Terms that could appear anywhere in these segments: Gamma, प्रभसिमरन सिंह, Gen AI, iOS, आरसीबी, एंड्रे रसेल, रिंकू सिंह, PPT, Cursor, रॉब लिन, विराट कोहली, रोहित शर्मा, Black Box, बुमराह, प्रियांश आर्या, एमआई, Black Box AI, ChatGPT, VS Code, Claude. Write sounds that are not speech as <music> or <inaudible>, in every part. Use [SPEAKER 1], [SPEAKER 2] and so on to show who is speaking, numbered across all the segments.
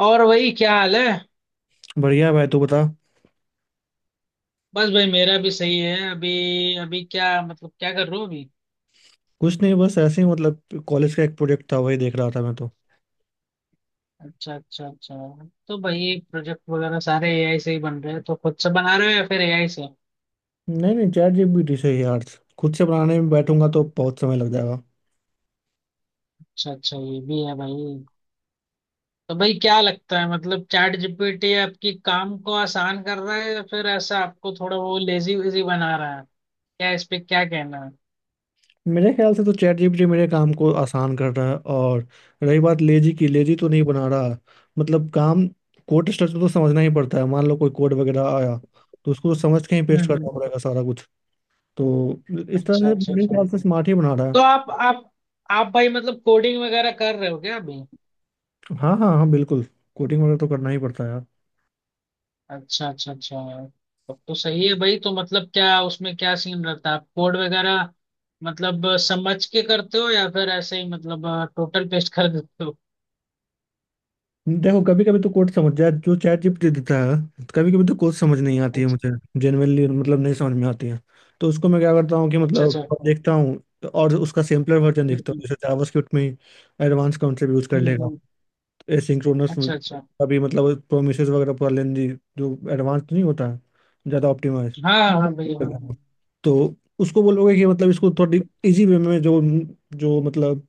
[SPEAKER 1] और वही क्या हाल है।
[SPEAKER 2] बढ़िया भाई, तू बता।
[SPEAKER 1] बस भाई मेरा भी सही है। अभी अभी क्या मतलब क्या कर रहे हो अभी?
[SPEAKER 2] कुछ नहीं, बस ऐसे ही मतलब कॉलेज का एक प्रोजेक्ट था, वही देख रहा था मैं तो।
[SPEAKER 1] अच्छा, अच्छा, अच्छा। तो भाई प्रोजेक्ट वगैरह सारे एआई से ही बन रहे हैं, तो खुद से बना रहे हो या फिर एआई से?
[SPEAKER 2] नहीं नहीं, चैट जीपीटी से ही यार। खुद से बनाने में बैठूंगा तो बहुत समय लग जाएगा।
[SPEAKER 1] अच्छा, अच्छा, ये भी है भाई। तो भाई क्या लगता है, मतलब चैट जीपीटी आपकी काम को आसान कर रहा है, या फिर ऐसा आपको थोड़ा वो लेजी वेजी बना रहा है? क्या इस पे क्या कहना है?
[SPEAKER 2] मेरे ख्याल से तो चैट जीपीटी मेरे काम को आसान कर रहा है, और रही बात लेजी की, लेजी तो नहीं बना रहा। मतलब काम, कोड स्ट्रक्चर तो समझना ही पड़ता है। मान लो कोई कोड वगैरह आया तो उसको तो समझ के ही पेस्ट
[SPEAKER 1] हम्म,
[SPEAKER 2] करना पड़ेगा सारा कुछ। तो इस
[SPEAKER 1] अच्छा,
[SPEAKER 2] तरह से
[SPEAKER 1] अच्छा,
[SPEAKER 2] मेरे
[SPEAKER 1] अच्छा।
[SPEAKER 2] ख्याल से स्मार्ट ही बना रहा
[SPEAKER 1] तो
[SPEAKER 2] है।
[SPEAKER 1] आप भाई मतलब कोडिंग वगैरह कर रहे हो क्या अभी?
[SPEAKER 2] हाँ हाँ हाँ, बिल्कुल। कोडिंग वगैरह तो करना ही पड़ता है यार।
[SPEAKER 1] अच्छा, अच्छा, अच्छा। तब तो सही है भाई। तो मतलब क्या उसमें क्या सीन रहता है, आप कोड वगैरह मतलब समझ के करते हो या फिर ऐसे ही मतलब टोटल पेस्ट कर देते हो?
[SPEAKER 2] देखो, कभी कभी तो कोड समझ जाए जो चैट जीपीटी देता है, कभी कभी तो कोड समझ नहीं आती है
[SPEAKER 1] अच्छा,
[SPEAKER 2] मुझे। जेनुअनली मतलब नहीं समझ में आती है। तो उसको मैं क्या करता हूँ कि
[SPEAKER 1] अच्छा,
[SPEAKER 2] मतलब
[SPEAKER 1] अच्छा।
[SPEAKER 2] देखता हूँ और उसका सिंपलर वर्जन देखता
[SPEAKER 1] हम्म,
[SPEAKER 2] हूँ। जैसे जावास्क्रिप्ट में एडवांस काउंटर यूज कर लेगा,
[SPEAKER 1] हम्म।
[SPEAKER 2] एसिंक्रोनस
[SPEAKER 1] अच्छा, अच्छा।
[SPEAKER 2] का भी मतलब प्रोमिसेस वगैरह पूरा लेंदी जो एडवांस नहीं होता है, ज़्यादा ऑप्टिमाइज।
[SPEAKER 1] हाँ, हाँ, हाँ भाई, हाँ, हाँ।
[SPEAKER 2] तो उसको बोलोगे कि मतलब इसको थोड़ी इजी वे में, जो जो मतलब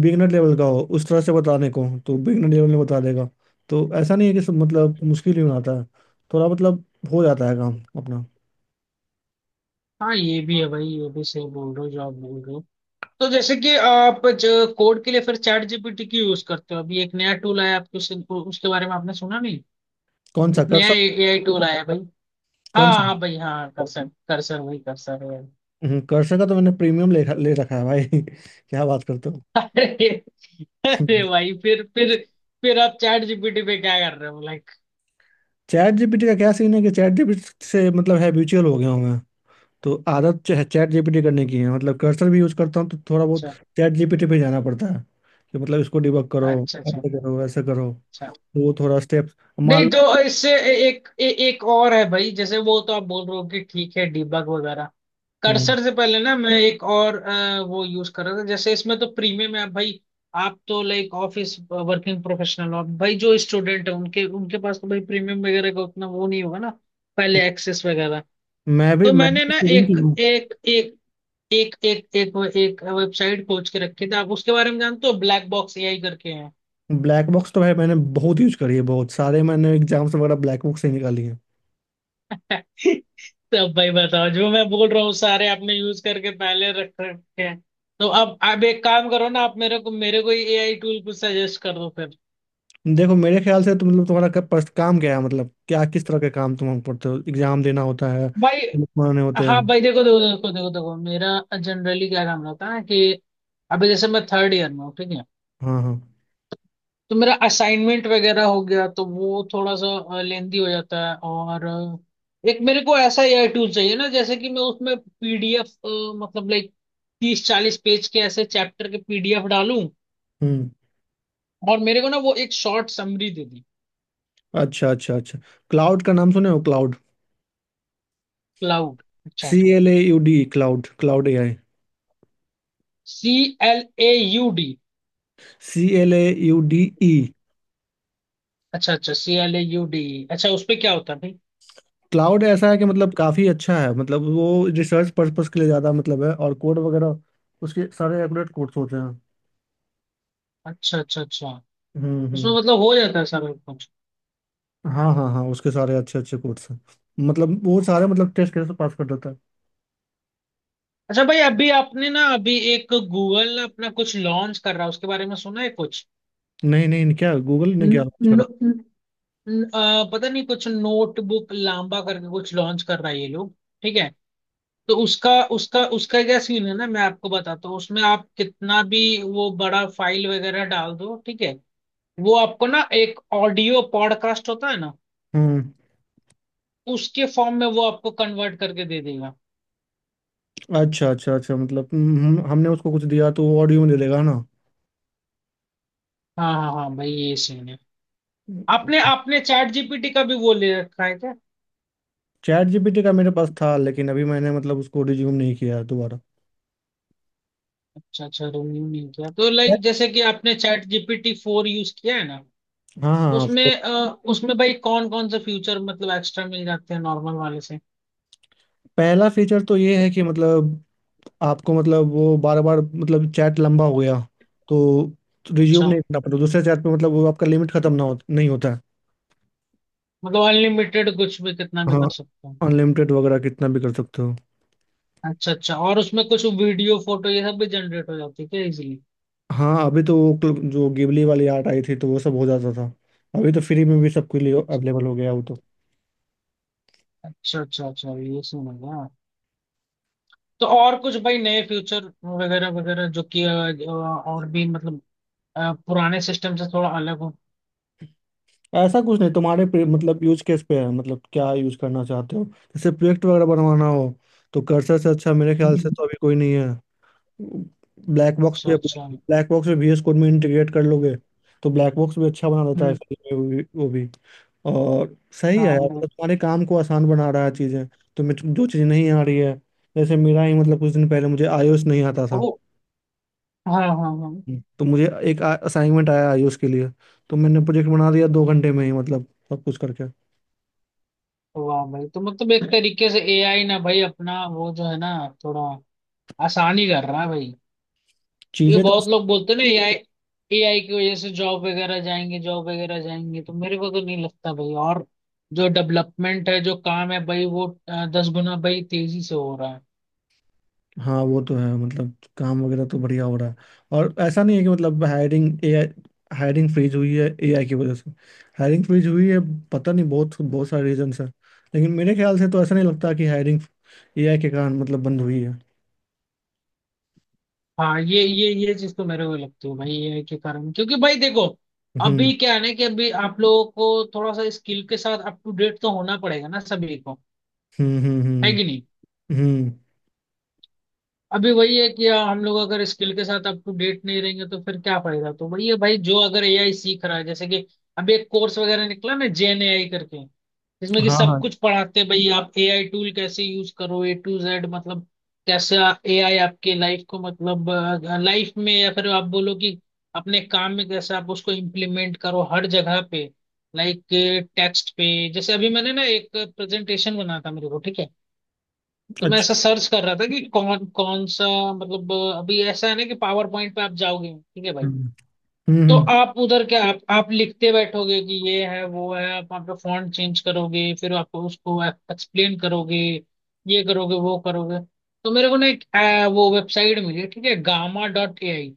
[SPEAKER 2] बिगनर लेवल का हो उस तरह से बताने को, तो बिगनर लेवल में बता देगा। तो ऐसा नहीं है कि सब मतलब मुश्किल ही बनाता है। थोड़ा मतलब हो जाता है काम अपना।
[SPEAKER 1] हाँ, ये भी है भाई, ये भी सही बोल रहे हो जो आप बोल रहे हो। तो जैसे कि आप जो कोड के लिए फिर चैट जीपीटी क्यों यूज करते हो? अभी एक नया टूल आया, आपको उसके बारे में आपने सुना नहीं?
[SPEAKER 2] कौन सा,
[SPEAKER 1] एक नया
[SPEAKER 2] कर्सर?
[SPEAKER 1] एआई टूल आया है भाई।
[SPEAKER 2] कौन सा?
[SPEAKER 1] हाँ, हाँ भाई, हाँ, कर्सर, कर्सर वही कर्सर है।
[SPEAKER 2] कर्सर का तो मैंने प्रीमियम ले ले रखा है भाई <laughs> क्या बात करते हो!
[SPEAKER 1] अरे, अरे
[SPEAKER 2] <laughs>
[SPEAKER 1] भाई, फिर आप चैट जीपीटी पे क्या कर रहे हो, लाइक?
[SPEAKER 2] चैट जीपीटी का क्या सीन है कि चैट जीपीटी से मतलब है, म्यूचुअल हो गया हूँ। तो आदत जो है चैट जीपीटी करने की है। मतलब कर्सर भी यूज करता हूँ तो थोड़ा बहुत
[SPEAKER 1] अच्छा,
[SPEAKER 2] चैट जीपीटी पे जाना पड़ता है कि मतलब इसको डिबग करो,
[SPEAKER 1] अच्छा, अच्छा,
[SPEAKER 2] ऐसे करो ऐसे करो। तो
[SPEAKER 1] अच्छा।
[SPEAKER 2] वो थोड़ा स्टेप्स मान
[SPEAKER 1] नहीं
[SPEAKER 2] लो।
[SPEAKER 1] तो इससे एक और है भाई, जैसे वो तो आप बोल रहे हो कि ठीक है, डीबग वगैरह।
[SPEAKER 2] हम्म।
[SPEAKER 1] कर्सर से पहले ना मैं एक और वो यूज कर रहा था, जैसे इसमें तो प्रीमियम है भाई। आप तो लाइक ऑफिस वर्किंग प्रोफेशनल हो भाई, जो स्टूडेंट है उनके उनके पास तो भाई प्रीमियम वगैरह का उतना वो नहीं होगा ना। पहले एक्सेस वगैरह।
[SPEAKER 2] मैं भी
[SPEAKER 1] तो
[SPEAKER 2] मैं
[SPEAKER 1] मैंने
[SPEAKER 2] भी
[SPEAKER 1] ना
[SPEAKER 2] स्टूडेंट ही
[SPEAKER 1] एक
[SPEAKER 2] हूँ।
[SPEAKER 1] एक एक एक एक एक वो- एक वेबसाइट खोज के रखे थे। आप उसके बारे में जानते हो? ब्लैक बॉक्स एआई करके हैं।
[SPEAKER 2] ब्लैक बॉक्स तो भाई मैंने बहुत यूज करी है, बहुत सारे मैंने एग्जाम्स वगैरह ब्लैक बॉक्स से ही निकाली है।
[SPEAKER 1] <laughs> तो अब भाई बताओ, जो मैं बोल रहा हूँ सारे आपने यूज करके पहले रख रखे हैं। तो अब आप एक काम करो ना, आप मेरे को एआई टूल कुछ सजेस्ट कर दो फिर।
[SPEAKER 2] देखो, मेरे ख्याल से तो मतलब तुम्हारा क्या काम क्या है? मतलब क्या किस तरह के काम तुम हमको पढ़ते हो, एग्जाम देना होता है,
[SPEAKER 1] भाई,
[SPEAKER 2] बनाने होते
[SPEAKER 1] हाँ भाई,
[SPEAKER 2] हैं?
[SPEAKER 1] देखो, देखो, देखो, देखो, देखो मेरा जनरली क्या काम रहता है कि अभी जैसे मैं थर्ड ईयर में हूँ, ठीक है।
[SPEAKER 2] हाँ हाँ।
[SPEAKER 1] तो मेरा असाइनमेंट वगैरह हो गया, तो वो थोड़ा सा लेंदी हो जाता है, और एक मेरे को ऐसा एआई टूल चाहिए ना, जैसे कि मैं उसमें पीडीएफ, मतलब लाइक 30 40 पेज के ऐसे चैप्टर के पीडीएफ डालूं।
[SPEAKER 2] हम्म।
[SPEAKER 1] और मेरे को ना वो एक शॉर्ट समरी दे दी।
[SPEAKER 2] अच्छा अच्छा अच्छा, क्लाउड का नाम सुने हो, क्लाउड?
[SPEAKER 1] क्लाउड, अच्छा,
[SPEAKER 2] C L A U D, Claude, Claude A I.
[SPEAKER 1] CLAUD।
[SPEAKER 2] C L A U D E.
[SPEAKER 1] अच्छा, अच्छा, CLAUD। अच्छा, उस पे क्या होता है भाई?
[SPEAKER 2] क्लाउड ऐसा है कि मतलब काफ़ी अच्छा है। मतलब वो रिसर्च पर्पस के लिए ज़्यादा मतलब है, और कोड वगैरह उसके सारे एक्यूरेट कोड्स होते हैं।
[SPEAKER 1] अच्छा, अच्छा, अच्छा। उसमें
[SPEAKER 2] हम्म।
[SPEAKER 1] मतलब हो जाता है सब कुछ?
[SPEAKER 2] हाँ हाँ हाँ, उसके सारे अच्छे अच्छे कोड्स हैं। मतलब वो सारे मतलब टेस्ट कैसे पास कर देता है।
[SPEAKER 1] अच्छा भाई, अभी आपने ना, अभी एक गूगल अपना कुछ लॉन्च कर रहा है, उसके बारे में सुना है कुछ?
[SPEAKER 2] नहीं नहीं, क्या गूगल ने
[SPEAKER 1] न,
[SPEAKER 2] क्या launch
[SPEAKER 1] न,
[SPEAKER 2] करा?
[SPEAKER 1] न, न- आ, पता नहीं कुछ नोटबुक लांबा करके कुछ लॉन्च कर रहा है ये लोग। ठीक है। तो उसका उसका उसका क्या सीन है ना, मैं आपको बताता हूँ, उसमें आप कितना भी वो बड़ा फाइल वगैरह डाल दो, ठीक है। वो आपको ना, एक ऑडियो पॉडकास्ट होता है ना,
[SPEAKER 2] हम्म।
[SPEAKER 1] उसके फॉर्म में वो आपको कन्वर्ट करके दे देगा।
[SPEAKER 2] अच्छा अच्छा अच्छा, मतलब हमने उसको कुछ दिया तो वो ऑडियो में दे देगा ना।
[SPEAKER 1] हाँ, हाँ, हाँ भाई, ये सीन है। आपने आपने चैट जीपीटी का भी वो ले रखा है क्या?
[SPEAKER 2] चैट जीपीटी का मेरे पास था, लेकिन अभी मैंने मतलब उसको रिज्यूम नहीं किया है दोबारा।
[SPEAKER 1] अच्छा, अच्छा रिन्यू नहीं किया। तो लाइक जैसे कि आपने चैट जीपीटी 4 यूज किया है ना?
[SPEAKER 2] हाँ हाँ
[SPEAKER 1] उसमें
[SPEAKER 2] हाँ।
[SPEAKER 1] उसमें भाई कौन कौन से फ्यूचर मतलब एक्स्ट्रा मिल जाते हैं नॉर्मल वाले से?
[SPEAKER 2] पहला फीचर तो ये है कि मतलब आपको मतलब वो बार बार मतलब चैट लंबा हो गया तो रिज्यूम
[SPEAKER 1] अच्छा,
[SPEAKER 2] नहीं करना पड़ता दूसरे चैट पे। मतलब वो आपका लिमिट खत्म ना हो, नहीं होता है।
[SPEAKER 1] मतलब अनलिमिटेड कुछ भी कितना भी कर
[SPEAKER 2] हाँ,
[SPEAKER 1] सकते हैं?
[SPEAKER 2] अनलिमिटेड वगैरह कितना भी कर सकते हो।
[SPEAKER 1] अच्छा, अच्छा। और उसमें कुछ वीडियो फोटो ये सब भी जनरेट हो जाती है क्या इजीली?
[SPEAKER 2] हाँ, अभी तो वो जो गिबली वाली आर्ट आई थी तो वो सब हो जाता था। अभी तो फ्री में भी सबके लिए
[SPEAKER 1] अच्छा,
[SPEAKER 2] अवेलेबल हो गया वो तो।
[SPEAKER 1] अच्छा, अच्छा, अच्छा, ये सीन है क्या? तो और कुछ भाई नए फ्यूचर वगैरह वगैरह, जो कि और भी मतलब पुराने सिस्टम से थोड़ा अलग हो?
[SPEAKER 2] ऐसा कुछ नहीं, तुम्हारे पे मतलब यूज केस पे है। मतलब क्या यूज करना चाहते हो? जैसे प्रोजेक्ट वगैरह बनवाना हो तो कर्सर से अच्छा मेरे ख्याल से
[SPEAKER 1] हम्म,
[SPEAKER 2] तो अभी कोई नहीं। ब्लैक बॉक्स
[SPEAKER 1] अच्छा,
[SPEAKER 2] पे,
[SPEAKER 1] अच्छा,
[SPEAKER 2] ब्लैक बॉक्स में VS कोड में इंटीग्रेट कर लोगे तो ब्लैक बॉक्स भी अच्छा बना देता है
[SPEAKER 1] हम्म,
[SPEAKER 2] फिर। वो भी और सही है
[SPEAKER 1] हाँ,
[SPEAKER 2] यार।
[SPEAKER 1] हाँ,
[SPEAKER 2] मतलब तुम्हारे काम को आसान बना रहा है, चीज़ें तुम्हें जो चीज़ नहीं आ रही है। जैसे मेरा ही मतलब कुछ दिन पहले मुझे iOS नहीं आता था।
[SPEAKER 1] ओ, हाँ, हाँ, हाँ।
[SPEAKER 2] हम्म। तो मुझे एक असाइनमेंट आया iOS के लिए, तो मैंने प्रोजेक्ट बना दिया 2 घंटे में ही मतलब, सब कुछ करके।
[SPEAKER 1] वाह भाई, तो मतलब एक तरीके से एआई ना भाई अपना वो जो है ना, थोड़ा आसानी कर रहा है भाई। ये
[SPEAKER 2] चीज़ें तो
[SPEAKER 1] बहुत लोग बोलते हैं ना, एआई, एआई की वजह से जॉब वगैरह जाएंगे, जॉब वगैरह जाएंगे, तो मेरे को तो नहीं लगता भाई। और जो डेवलपमेंट है, जो काम है भाई, वो 10 गुना भाई तेजी से हो रहा है।
[SPEAKER 2] हाँ, वो तो है। मतलब काम वगैरह तो बढ़िया हो रहा है। और ऐसा नहीं है कि मतलब हायरिंग एआई, हायरिंग फ्रीज हुई है एआई की वजह से। हायरिंग फ्रीज हुई है, पता नहीं, बहुत बहुत सारे रीजंस है लेकिन मेरे ख्याल से तो ऐसा नहीं लगता कि हायरिंग एआई के कारण मतलब बंद हुई है।
[SPEAKER 1] हाँ, ये चीज तो मेरे को लगती है भाई एआई के कारण, क्योंकि भाई देखो,
[SPEAKER 2] हम्म
[SPEAKER 1] अभी क्या है ना कि अभी आप लोगों को थोड़ा सा स्किल के साथ अप टू डेट तो होना पड़ेगा ना सभी को।
[SPEAKER 2] हम्म।
[SPEAKER 1] है कि
[SPEAKER 2] हम्म।
[SPEAKER 1] नहीं?
[SPEAKER 2] हम्म,
[SPEAKER 1] अभी वही है कि हम लोग अगर स्किल के साथ अप टू डेट नहीं रहेंगे, तो फिर क्या फायदा? तो वही है भाई, जो अगर एआई सीख रहा है जैसे कि अभी एक कोर्स वगैरह निकला ना, जेन एआई करके, जिसमें कि
[SPEAKER 2] हाँ
[SPEAKER 1] सब
[SPEAKER 2] हाँ।
[SPEAKER 1] कुछ पढ़ाते हैं भाई, आप एआई टूल कैसे यूज करो A to Z, मतलब कैसे एआई आपके लाइफ को, मतलब लाइफ में, या फिर आप बोलो कि अपने काम में कैसे आप उसको इम्प्लीमेंट करो हर जगह पे, लाइक टेक्स्ट पे। जैसे अभी मैंने ना एक प्रेजेंटेशन बना था मेरे को, ठीक है। तो मैं
[SPEAKER 2] अच्छा।
[SPEAKER 1] ऐसा सर्च कर रहा था कि कौन कौन सा, मतलब अभी ऐसा है ना कि पावर पॉइंट पे आप जाओगे, ठीक है भाई।
[SPEAKER 2] हम्म हम्म।
[SPEAKER 1] तो आप उधर क्या, आप लिखते बैठोगे कि ये है वो है? आप वहाँ पे फॉन्ट चेंज करोगे, फिर आपको उसको एक्सप्लेन करोगे, ये करोगे, वो करोगे। तो मेरे को ना एक वो वेबसाइट मिली, ठीक है, gamma.ai।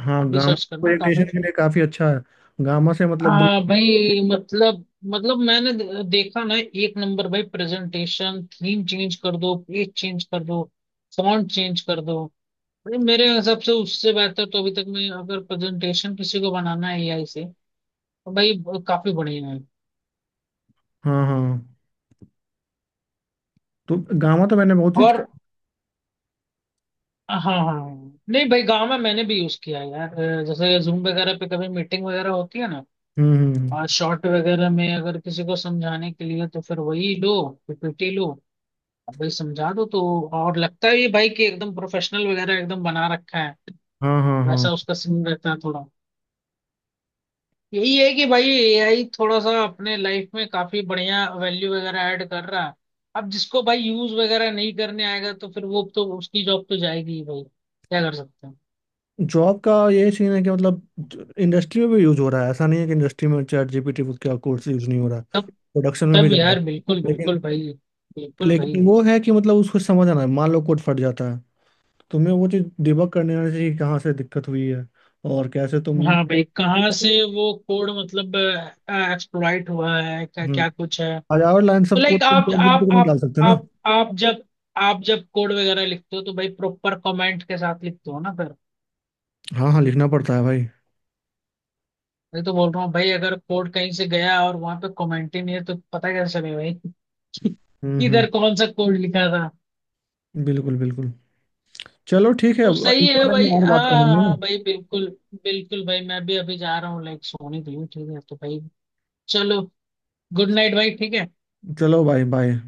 [SPEAKER 2] हाँ
[SPEAKER 1] आप भी
[SPEAKER 2] गामा।
[SPEAKER 1] सर्च करना,
[SPEAKER 2] प्रेजेंटेशन
[SPEAKER 1] काफी।
[SPEAKER 2] के लिए काफी अच्छा है। गामा से मतलब दो।
[SPEAKER 1] हाँ भाई, मतलब मैंने देखा ना, एक नंबर भाई प्रेजेंटेशन, थीम चेंज कर दो, पेज चेंज कर दो, फॉन्ट चेंज कर दो। भाई, मेरे हिसाब से उससे बेहतर तो अभी तक, मैं अगर प्रेजेंटेशन किसी को बनाना है एआई से, तो भाई काफी बढ़िया है।
[SPEAKER 2] हाँ हाँ। तो गामा तो मैंने बहुत यूज
[SPEAKER 1] और
[SPEAKER 2] किया।
[SPEAKER 1] हाँ, हाँ, हाँ। नहीं भाई, गांव में मैंने भी यूज किया है यार। जैसे जूम वगैरह पे कभी मीटिंग वगैरह होती है ना,
[SPEAKER 2] हम्म हम्म, हम्म।
[SPEAKER 1] और शॉर्ट वगैरह में अगर किसी को समझाने के लिए, तो फिर वही लो, पीपीटी लो, अब भाई समझा दो तो, और लगता है ये भाई कि एकदम प्रोफेशनल वगैरह एकदम बना रखा है।
[SPEAKER 2] हाँ हाँ हाँ।
[SPEAKER 1] वैसा उसका सीन रहता है थोड़ा। यही है कि भाई एआई थोड़ा सा अपने लाइफ में काफी बढ़िया वैल्यू वगैरह ऐड कर रहा है। अब जिसको भाई यूज वगैरह नहीं करने आएगा, तो फिर वो तो उसकी जॉब तो जाएगी ही भाई, क्या कर सकते हैं।
[SPEAKER 2] जॉब का ये सीन है कि मतलब इंडस्ट्री में भी यूज हो रहा है। ऐसा नहीं है कि इंडस्ट्री में चैट जीपीटी का कोर्स यूज नहीं हो रहा है।
[SPEAKER 1] तब
[SPEAKER 2] प्रोडक्शन में भी
[SPEAKER 1] तब
[SPEAKER 2] जा रहा है।
[SPEAKER 1] यार बिल्कुल,
[SPEAKER 2] लेकिन,
[SPEAKER 1] बिल्कुल भाई, बिल्कुल भाई।
[SPEAKER 2] लेकिन वो है कि मतलब उसको समझ आना है। मान लो कोड फट जाता है, तुम्हें वो चीज़ डिबग करने आना चाहिए कि कहाँ से दिक्कत हुई है और कैसे तुम।
[SPEAKER 1] हाँ भाई, कहाँ से वो कोड मतलब एक्सप्लॉइट हुआ है, क्या
[SPEAKER 2] हम्म।
[SPEAKER 1] क्या कुछ है।
[SPEAKER 2] 1000 लाइन
[SPEAKER 1] तो
[SPEAKER 2] सब कोड
[SPEAKER 1] लाइक
[SPEAKER 2] तुम चैट जीपीटी में निकाल सकते हो ना।
[SPEAKER 1] आप आप जब आप जब कोड वगैरह लिखते हो तो भाई प्रॉपर कमेंट के साथ लिखते हो ना?
[SPEAKER 2] हाँ हाँ लिखना पड़ता है भाई।
[SPEAKER 1] मैं तो बोल रहा हूँ भाई, अगर कोड कहीं से गया और वहां पे कमेंट ही नहीं है, तो पता कैसे चले भाई <laughs> कि
[SPEAKER 2] हम्म।
[SPEAKER 1] इधर कौन सा कोड लिखा था।
[SPEAKER 2] बिल्कुल बिल्कुल। चलो ठीक है,
[SPEAKER 1] तो
[SPEAKER 2] अब
[SPEAKER 1] सही
[SPEAKER 2] इस
[SPEAKER 1] है
[SPEAKER 2] बारे में
[SPEAKER 1] भाई,
[SPEAKER 2] और
[SPEAKER 1] हाँ,
[SPEAKER 2] बात
[SPEAKER 1] हाँ,
[SPEAKER 2] करेंगे ना।
[SPEAKER 1] हाँ भाई बिल्कुल, बिल्कुल भाई। मैं भी अभी जा रहा हूँ लाइक सोने के लिए, ठीक है तो भाई, चलो, गुड नाइट भाई, ठीक है।
[SPEAKER 2] चलो भाई, बाय।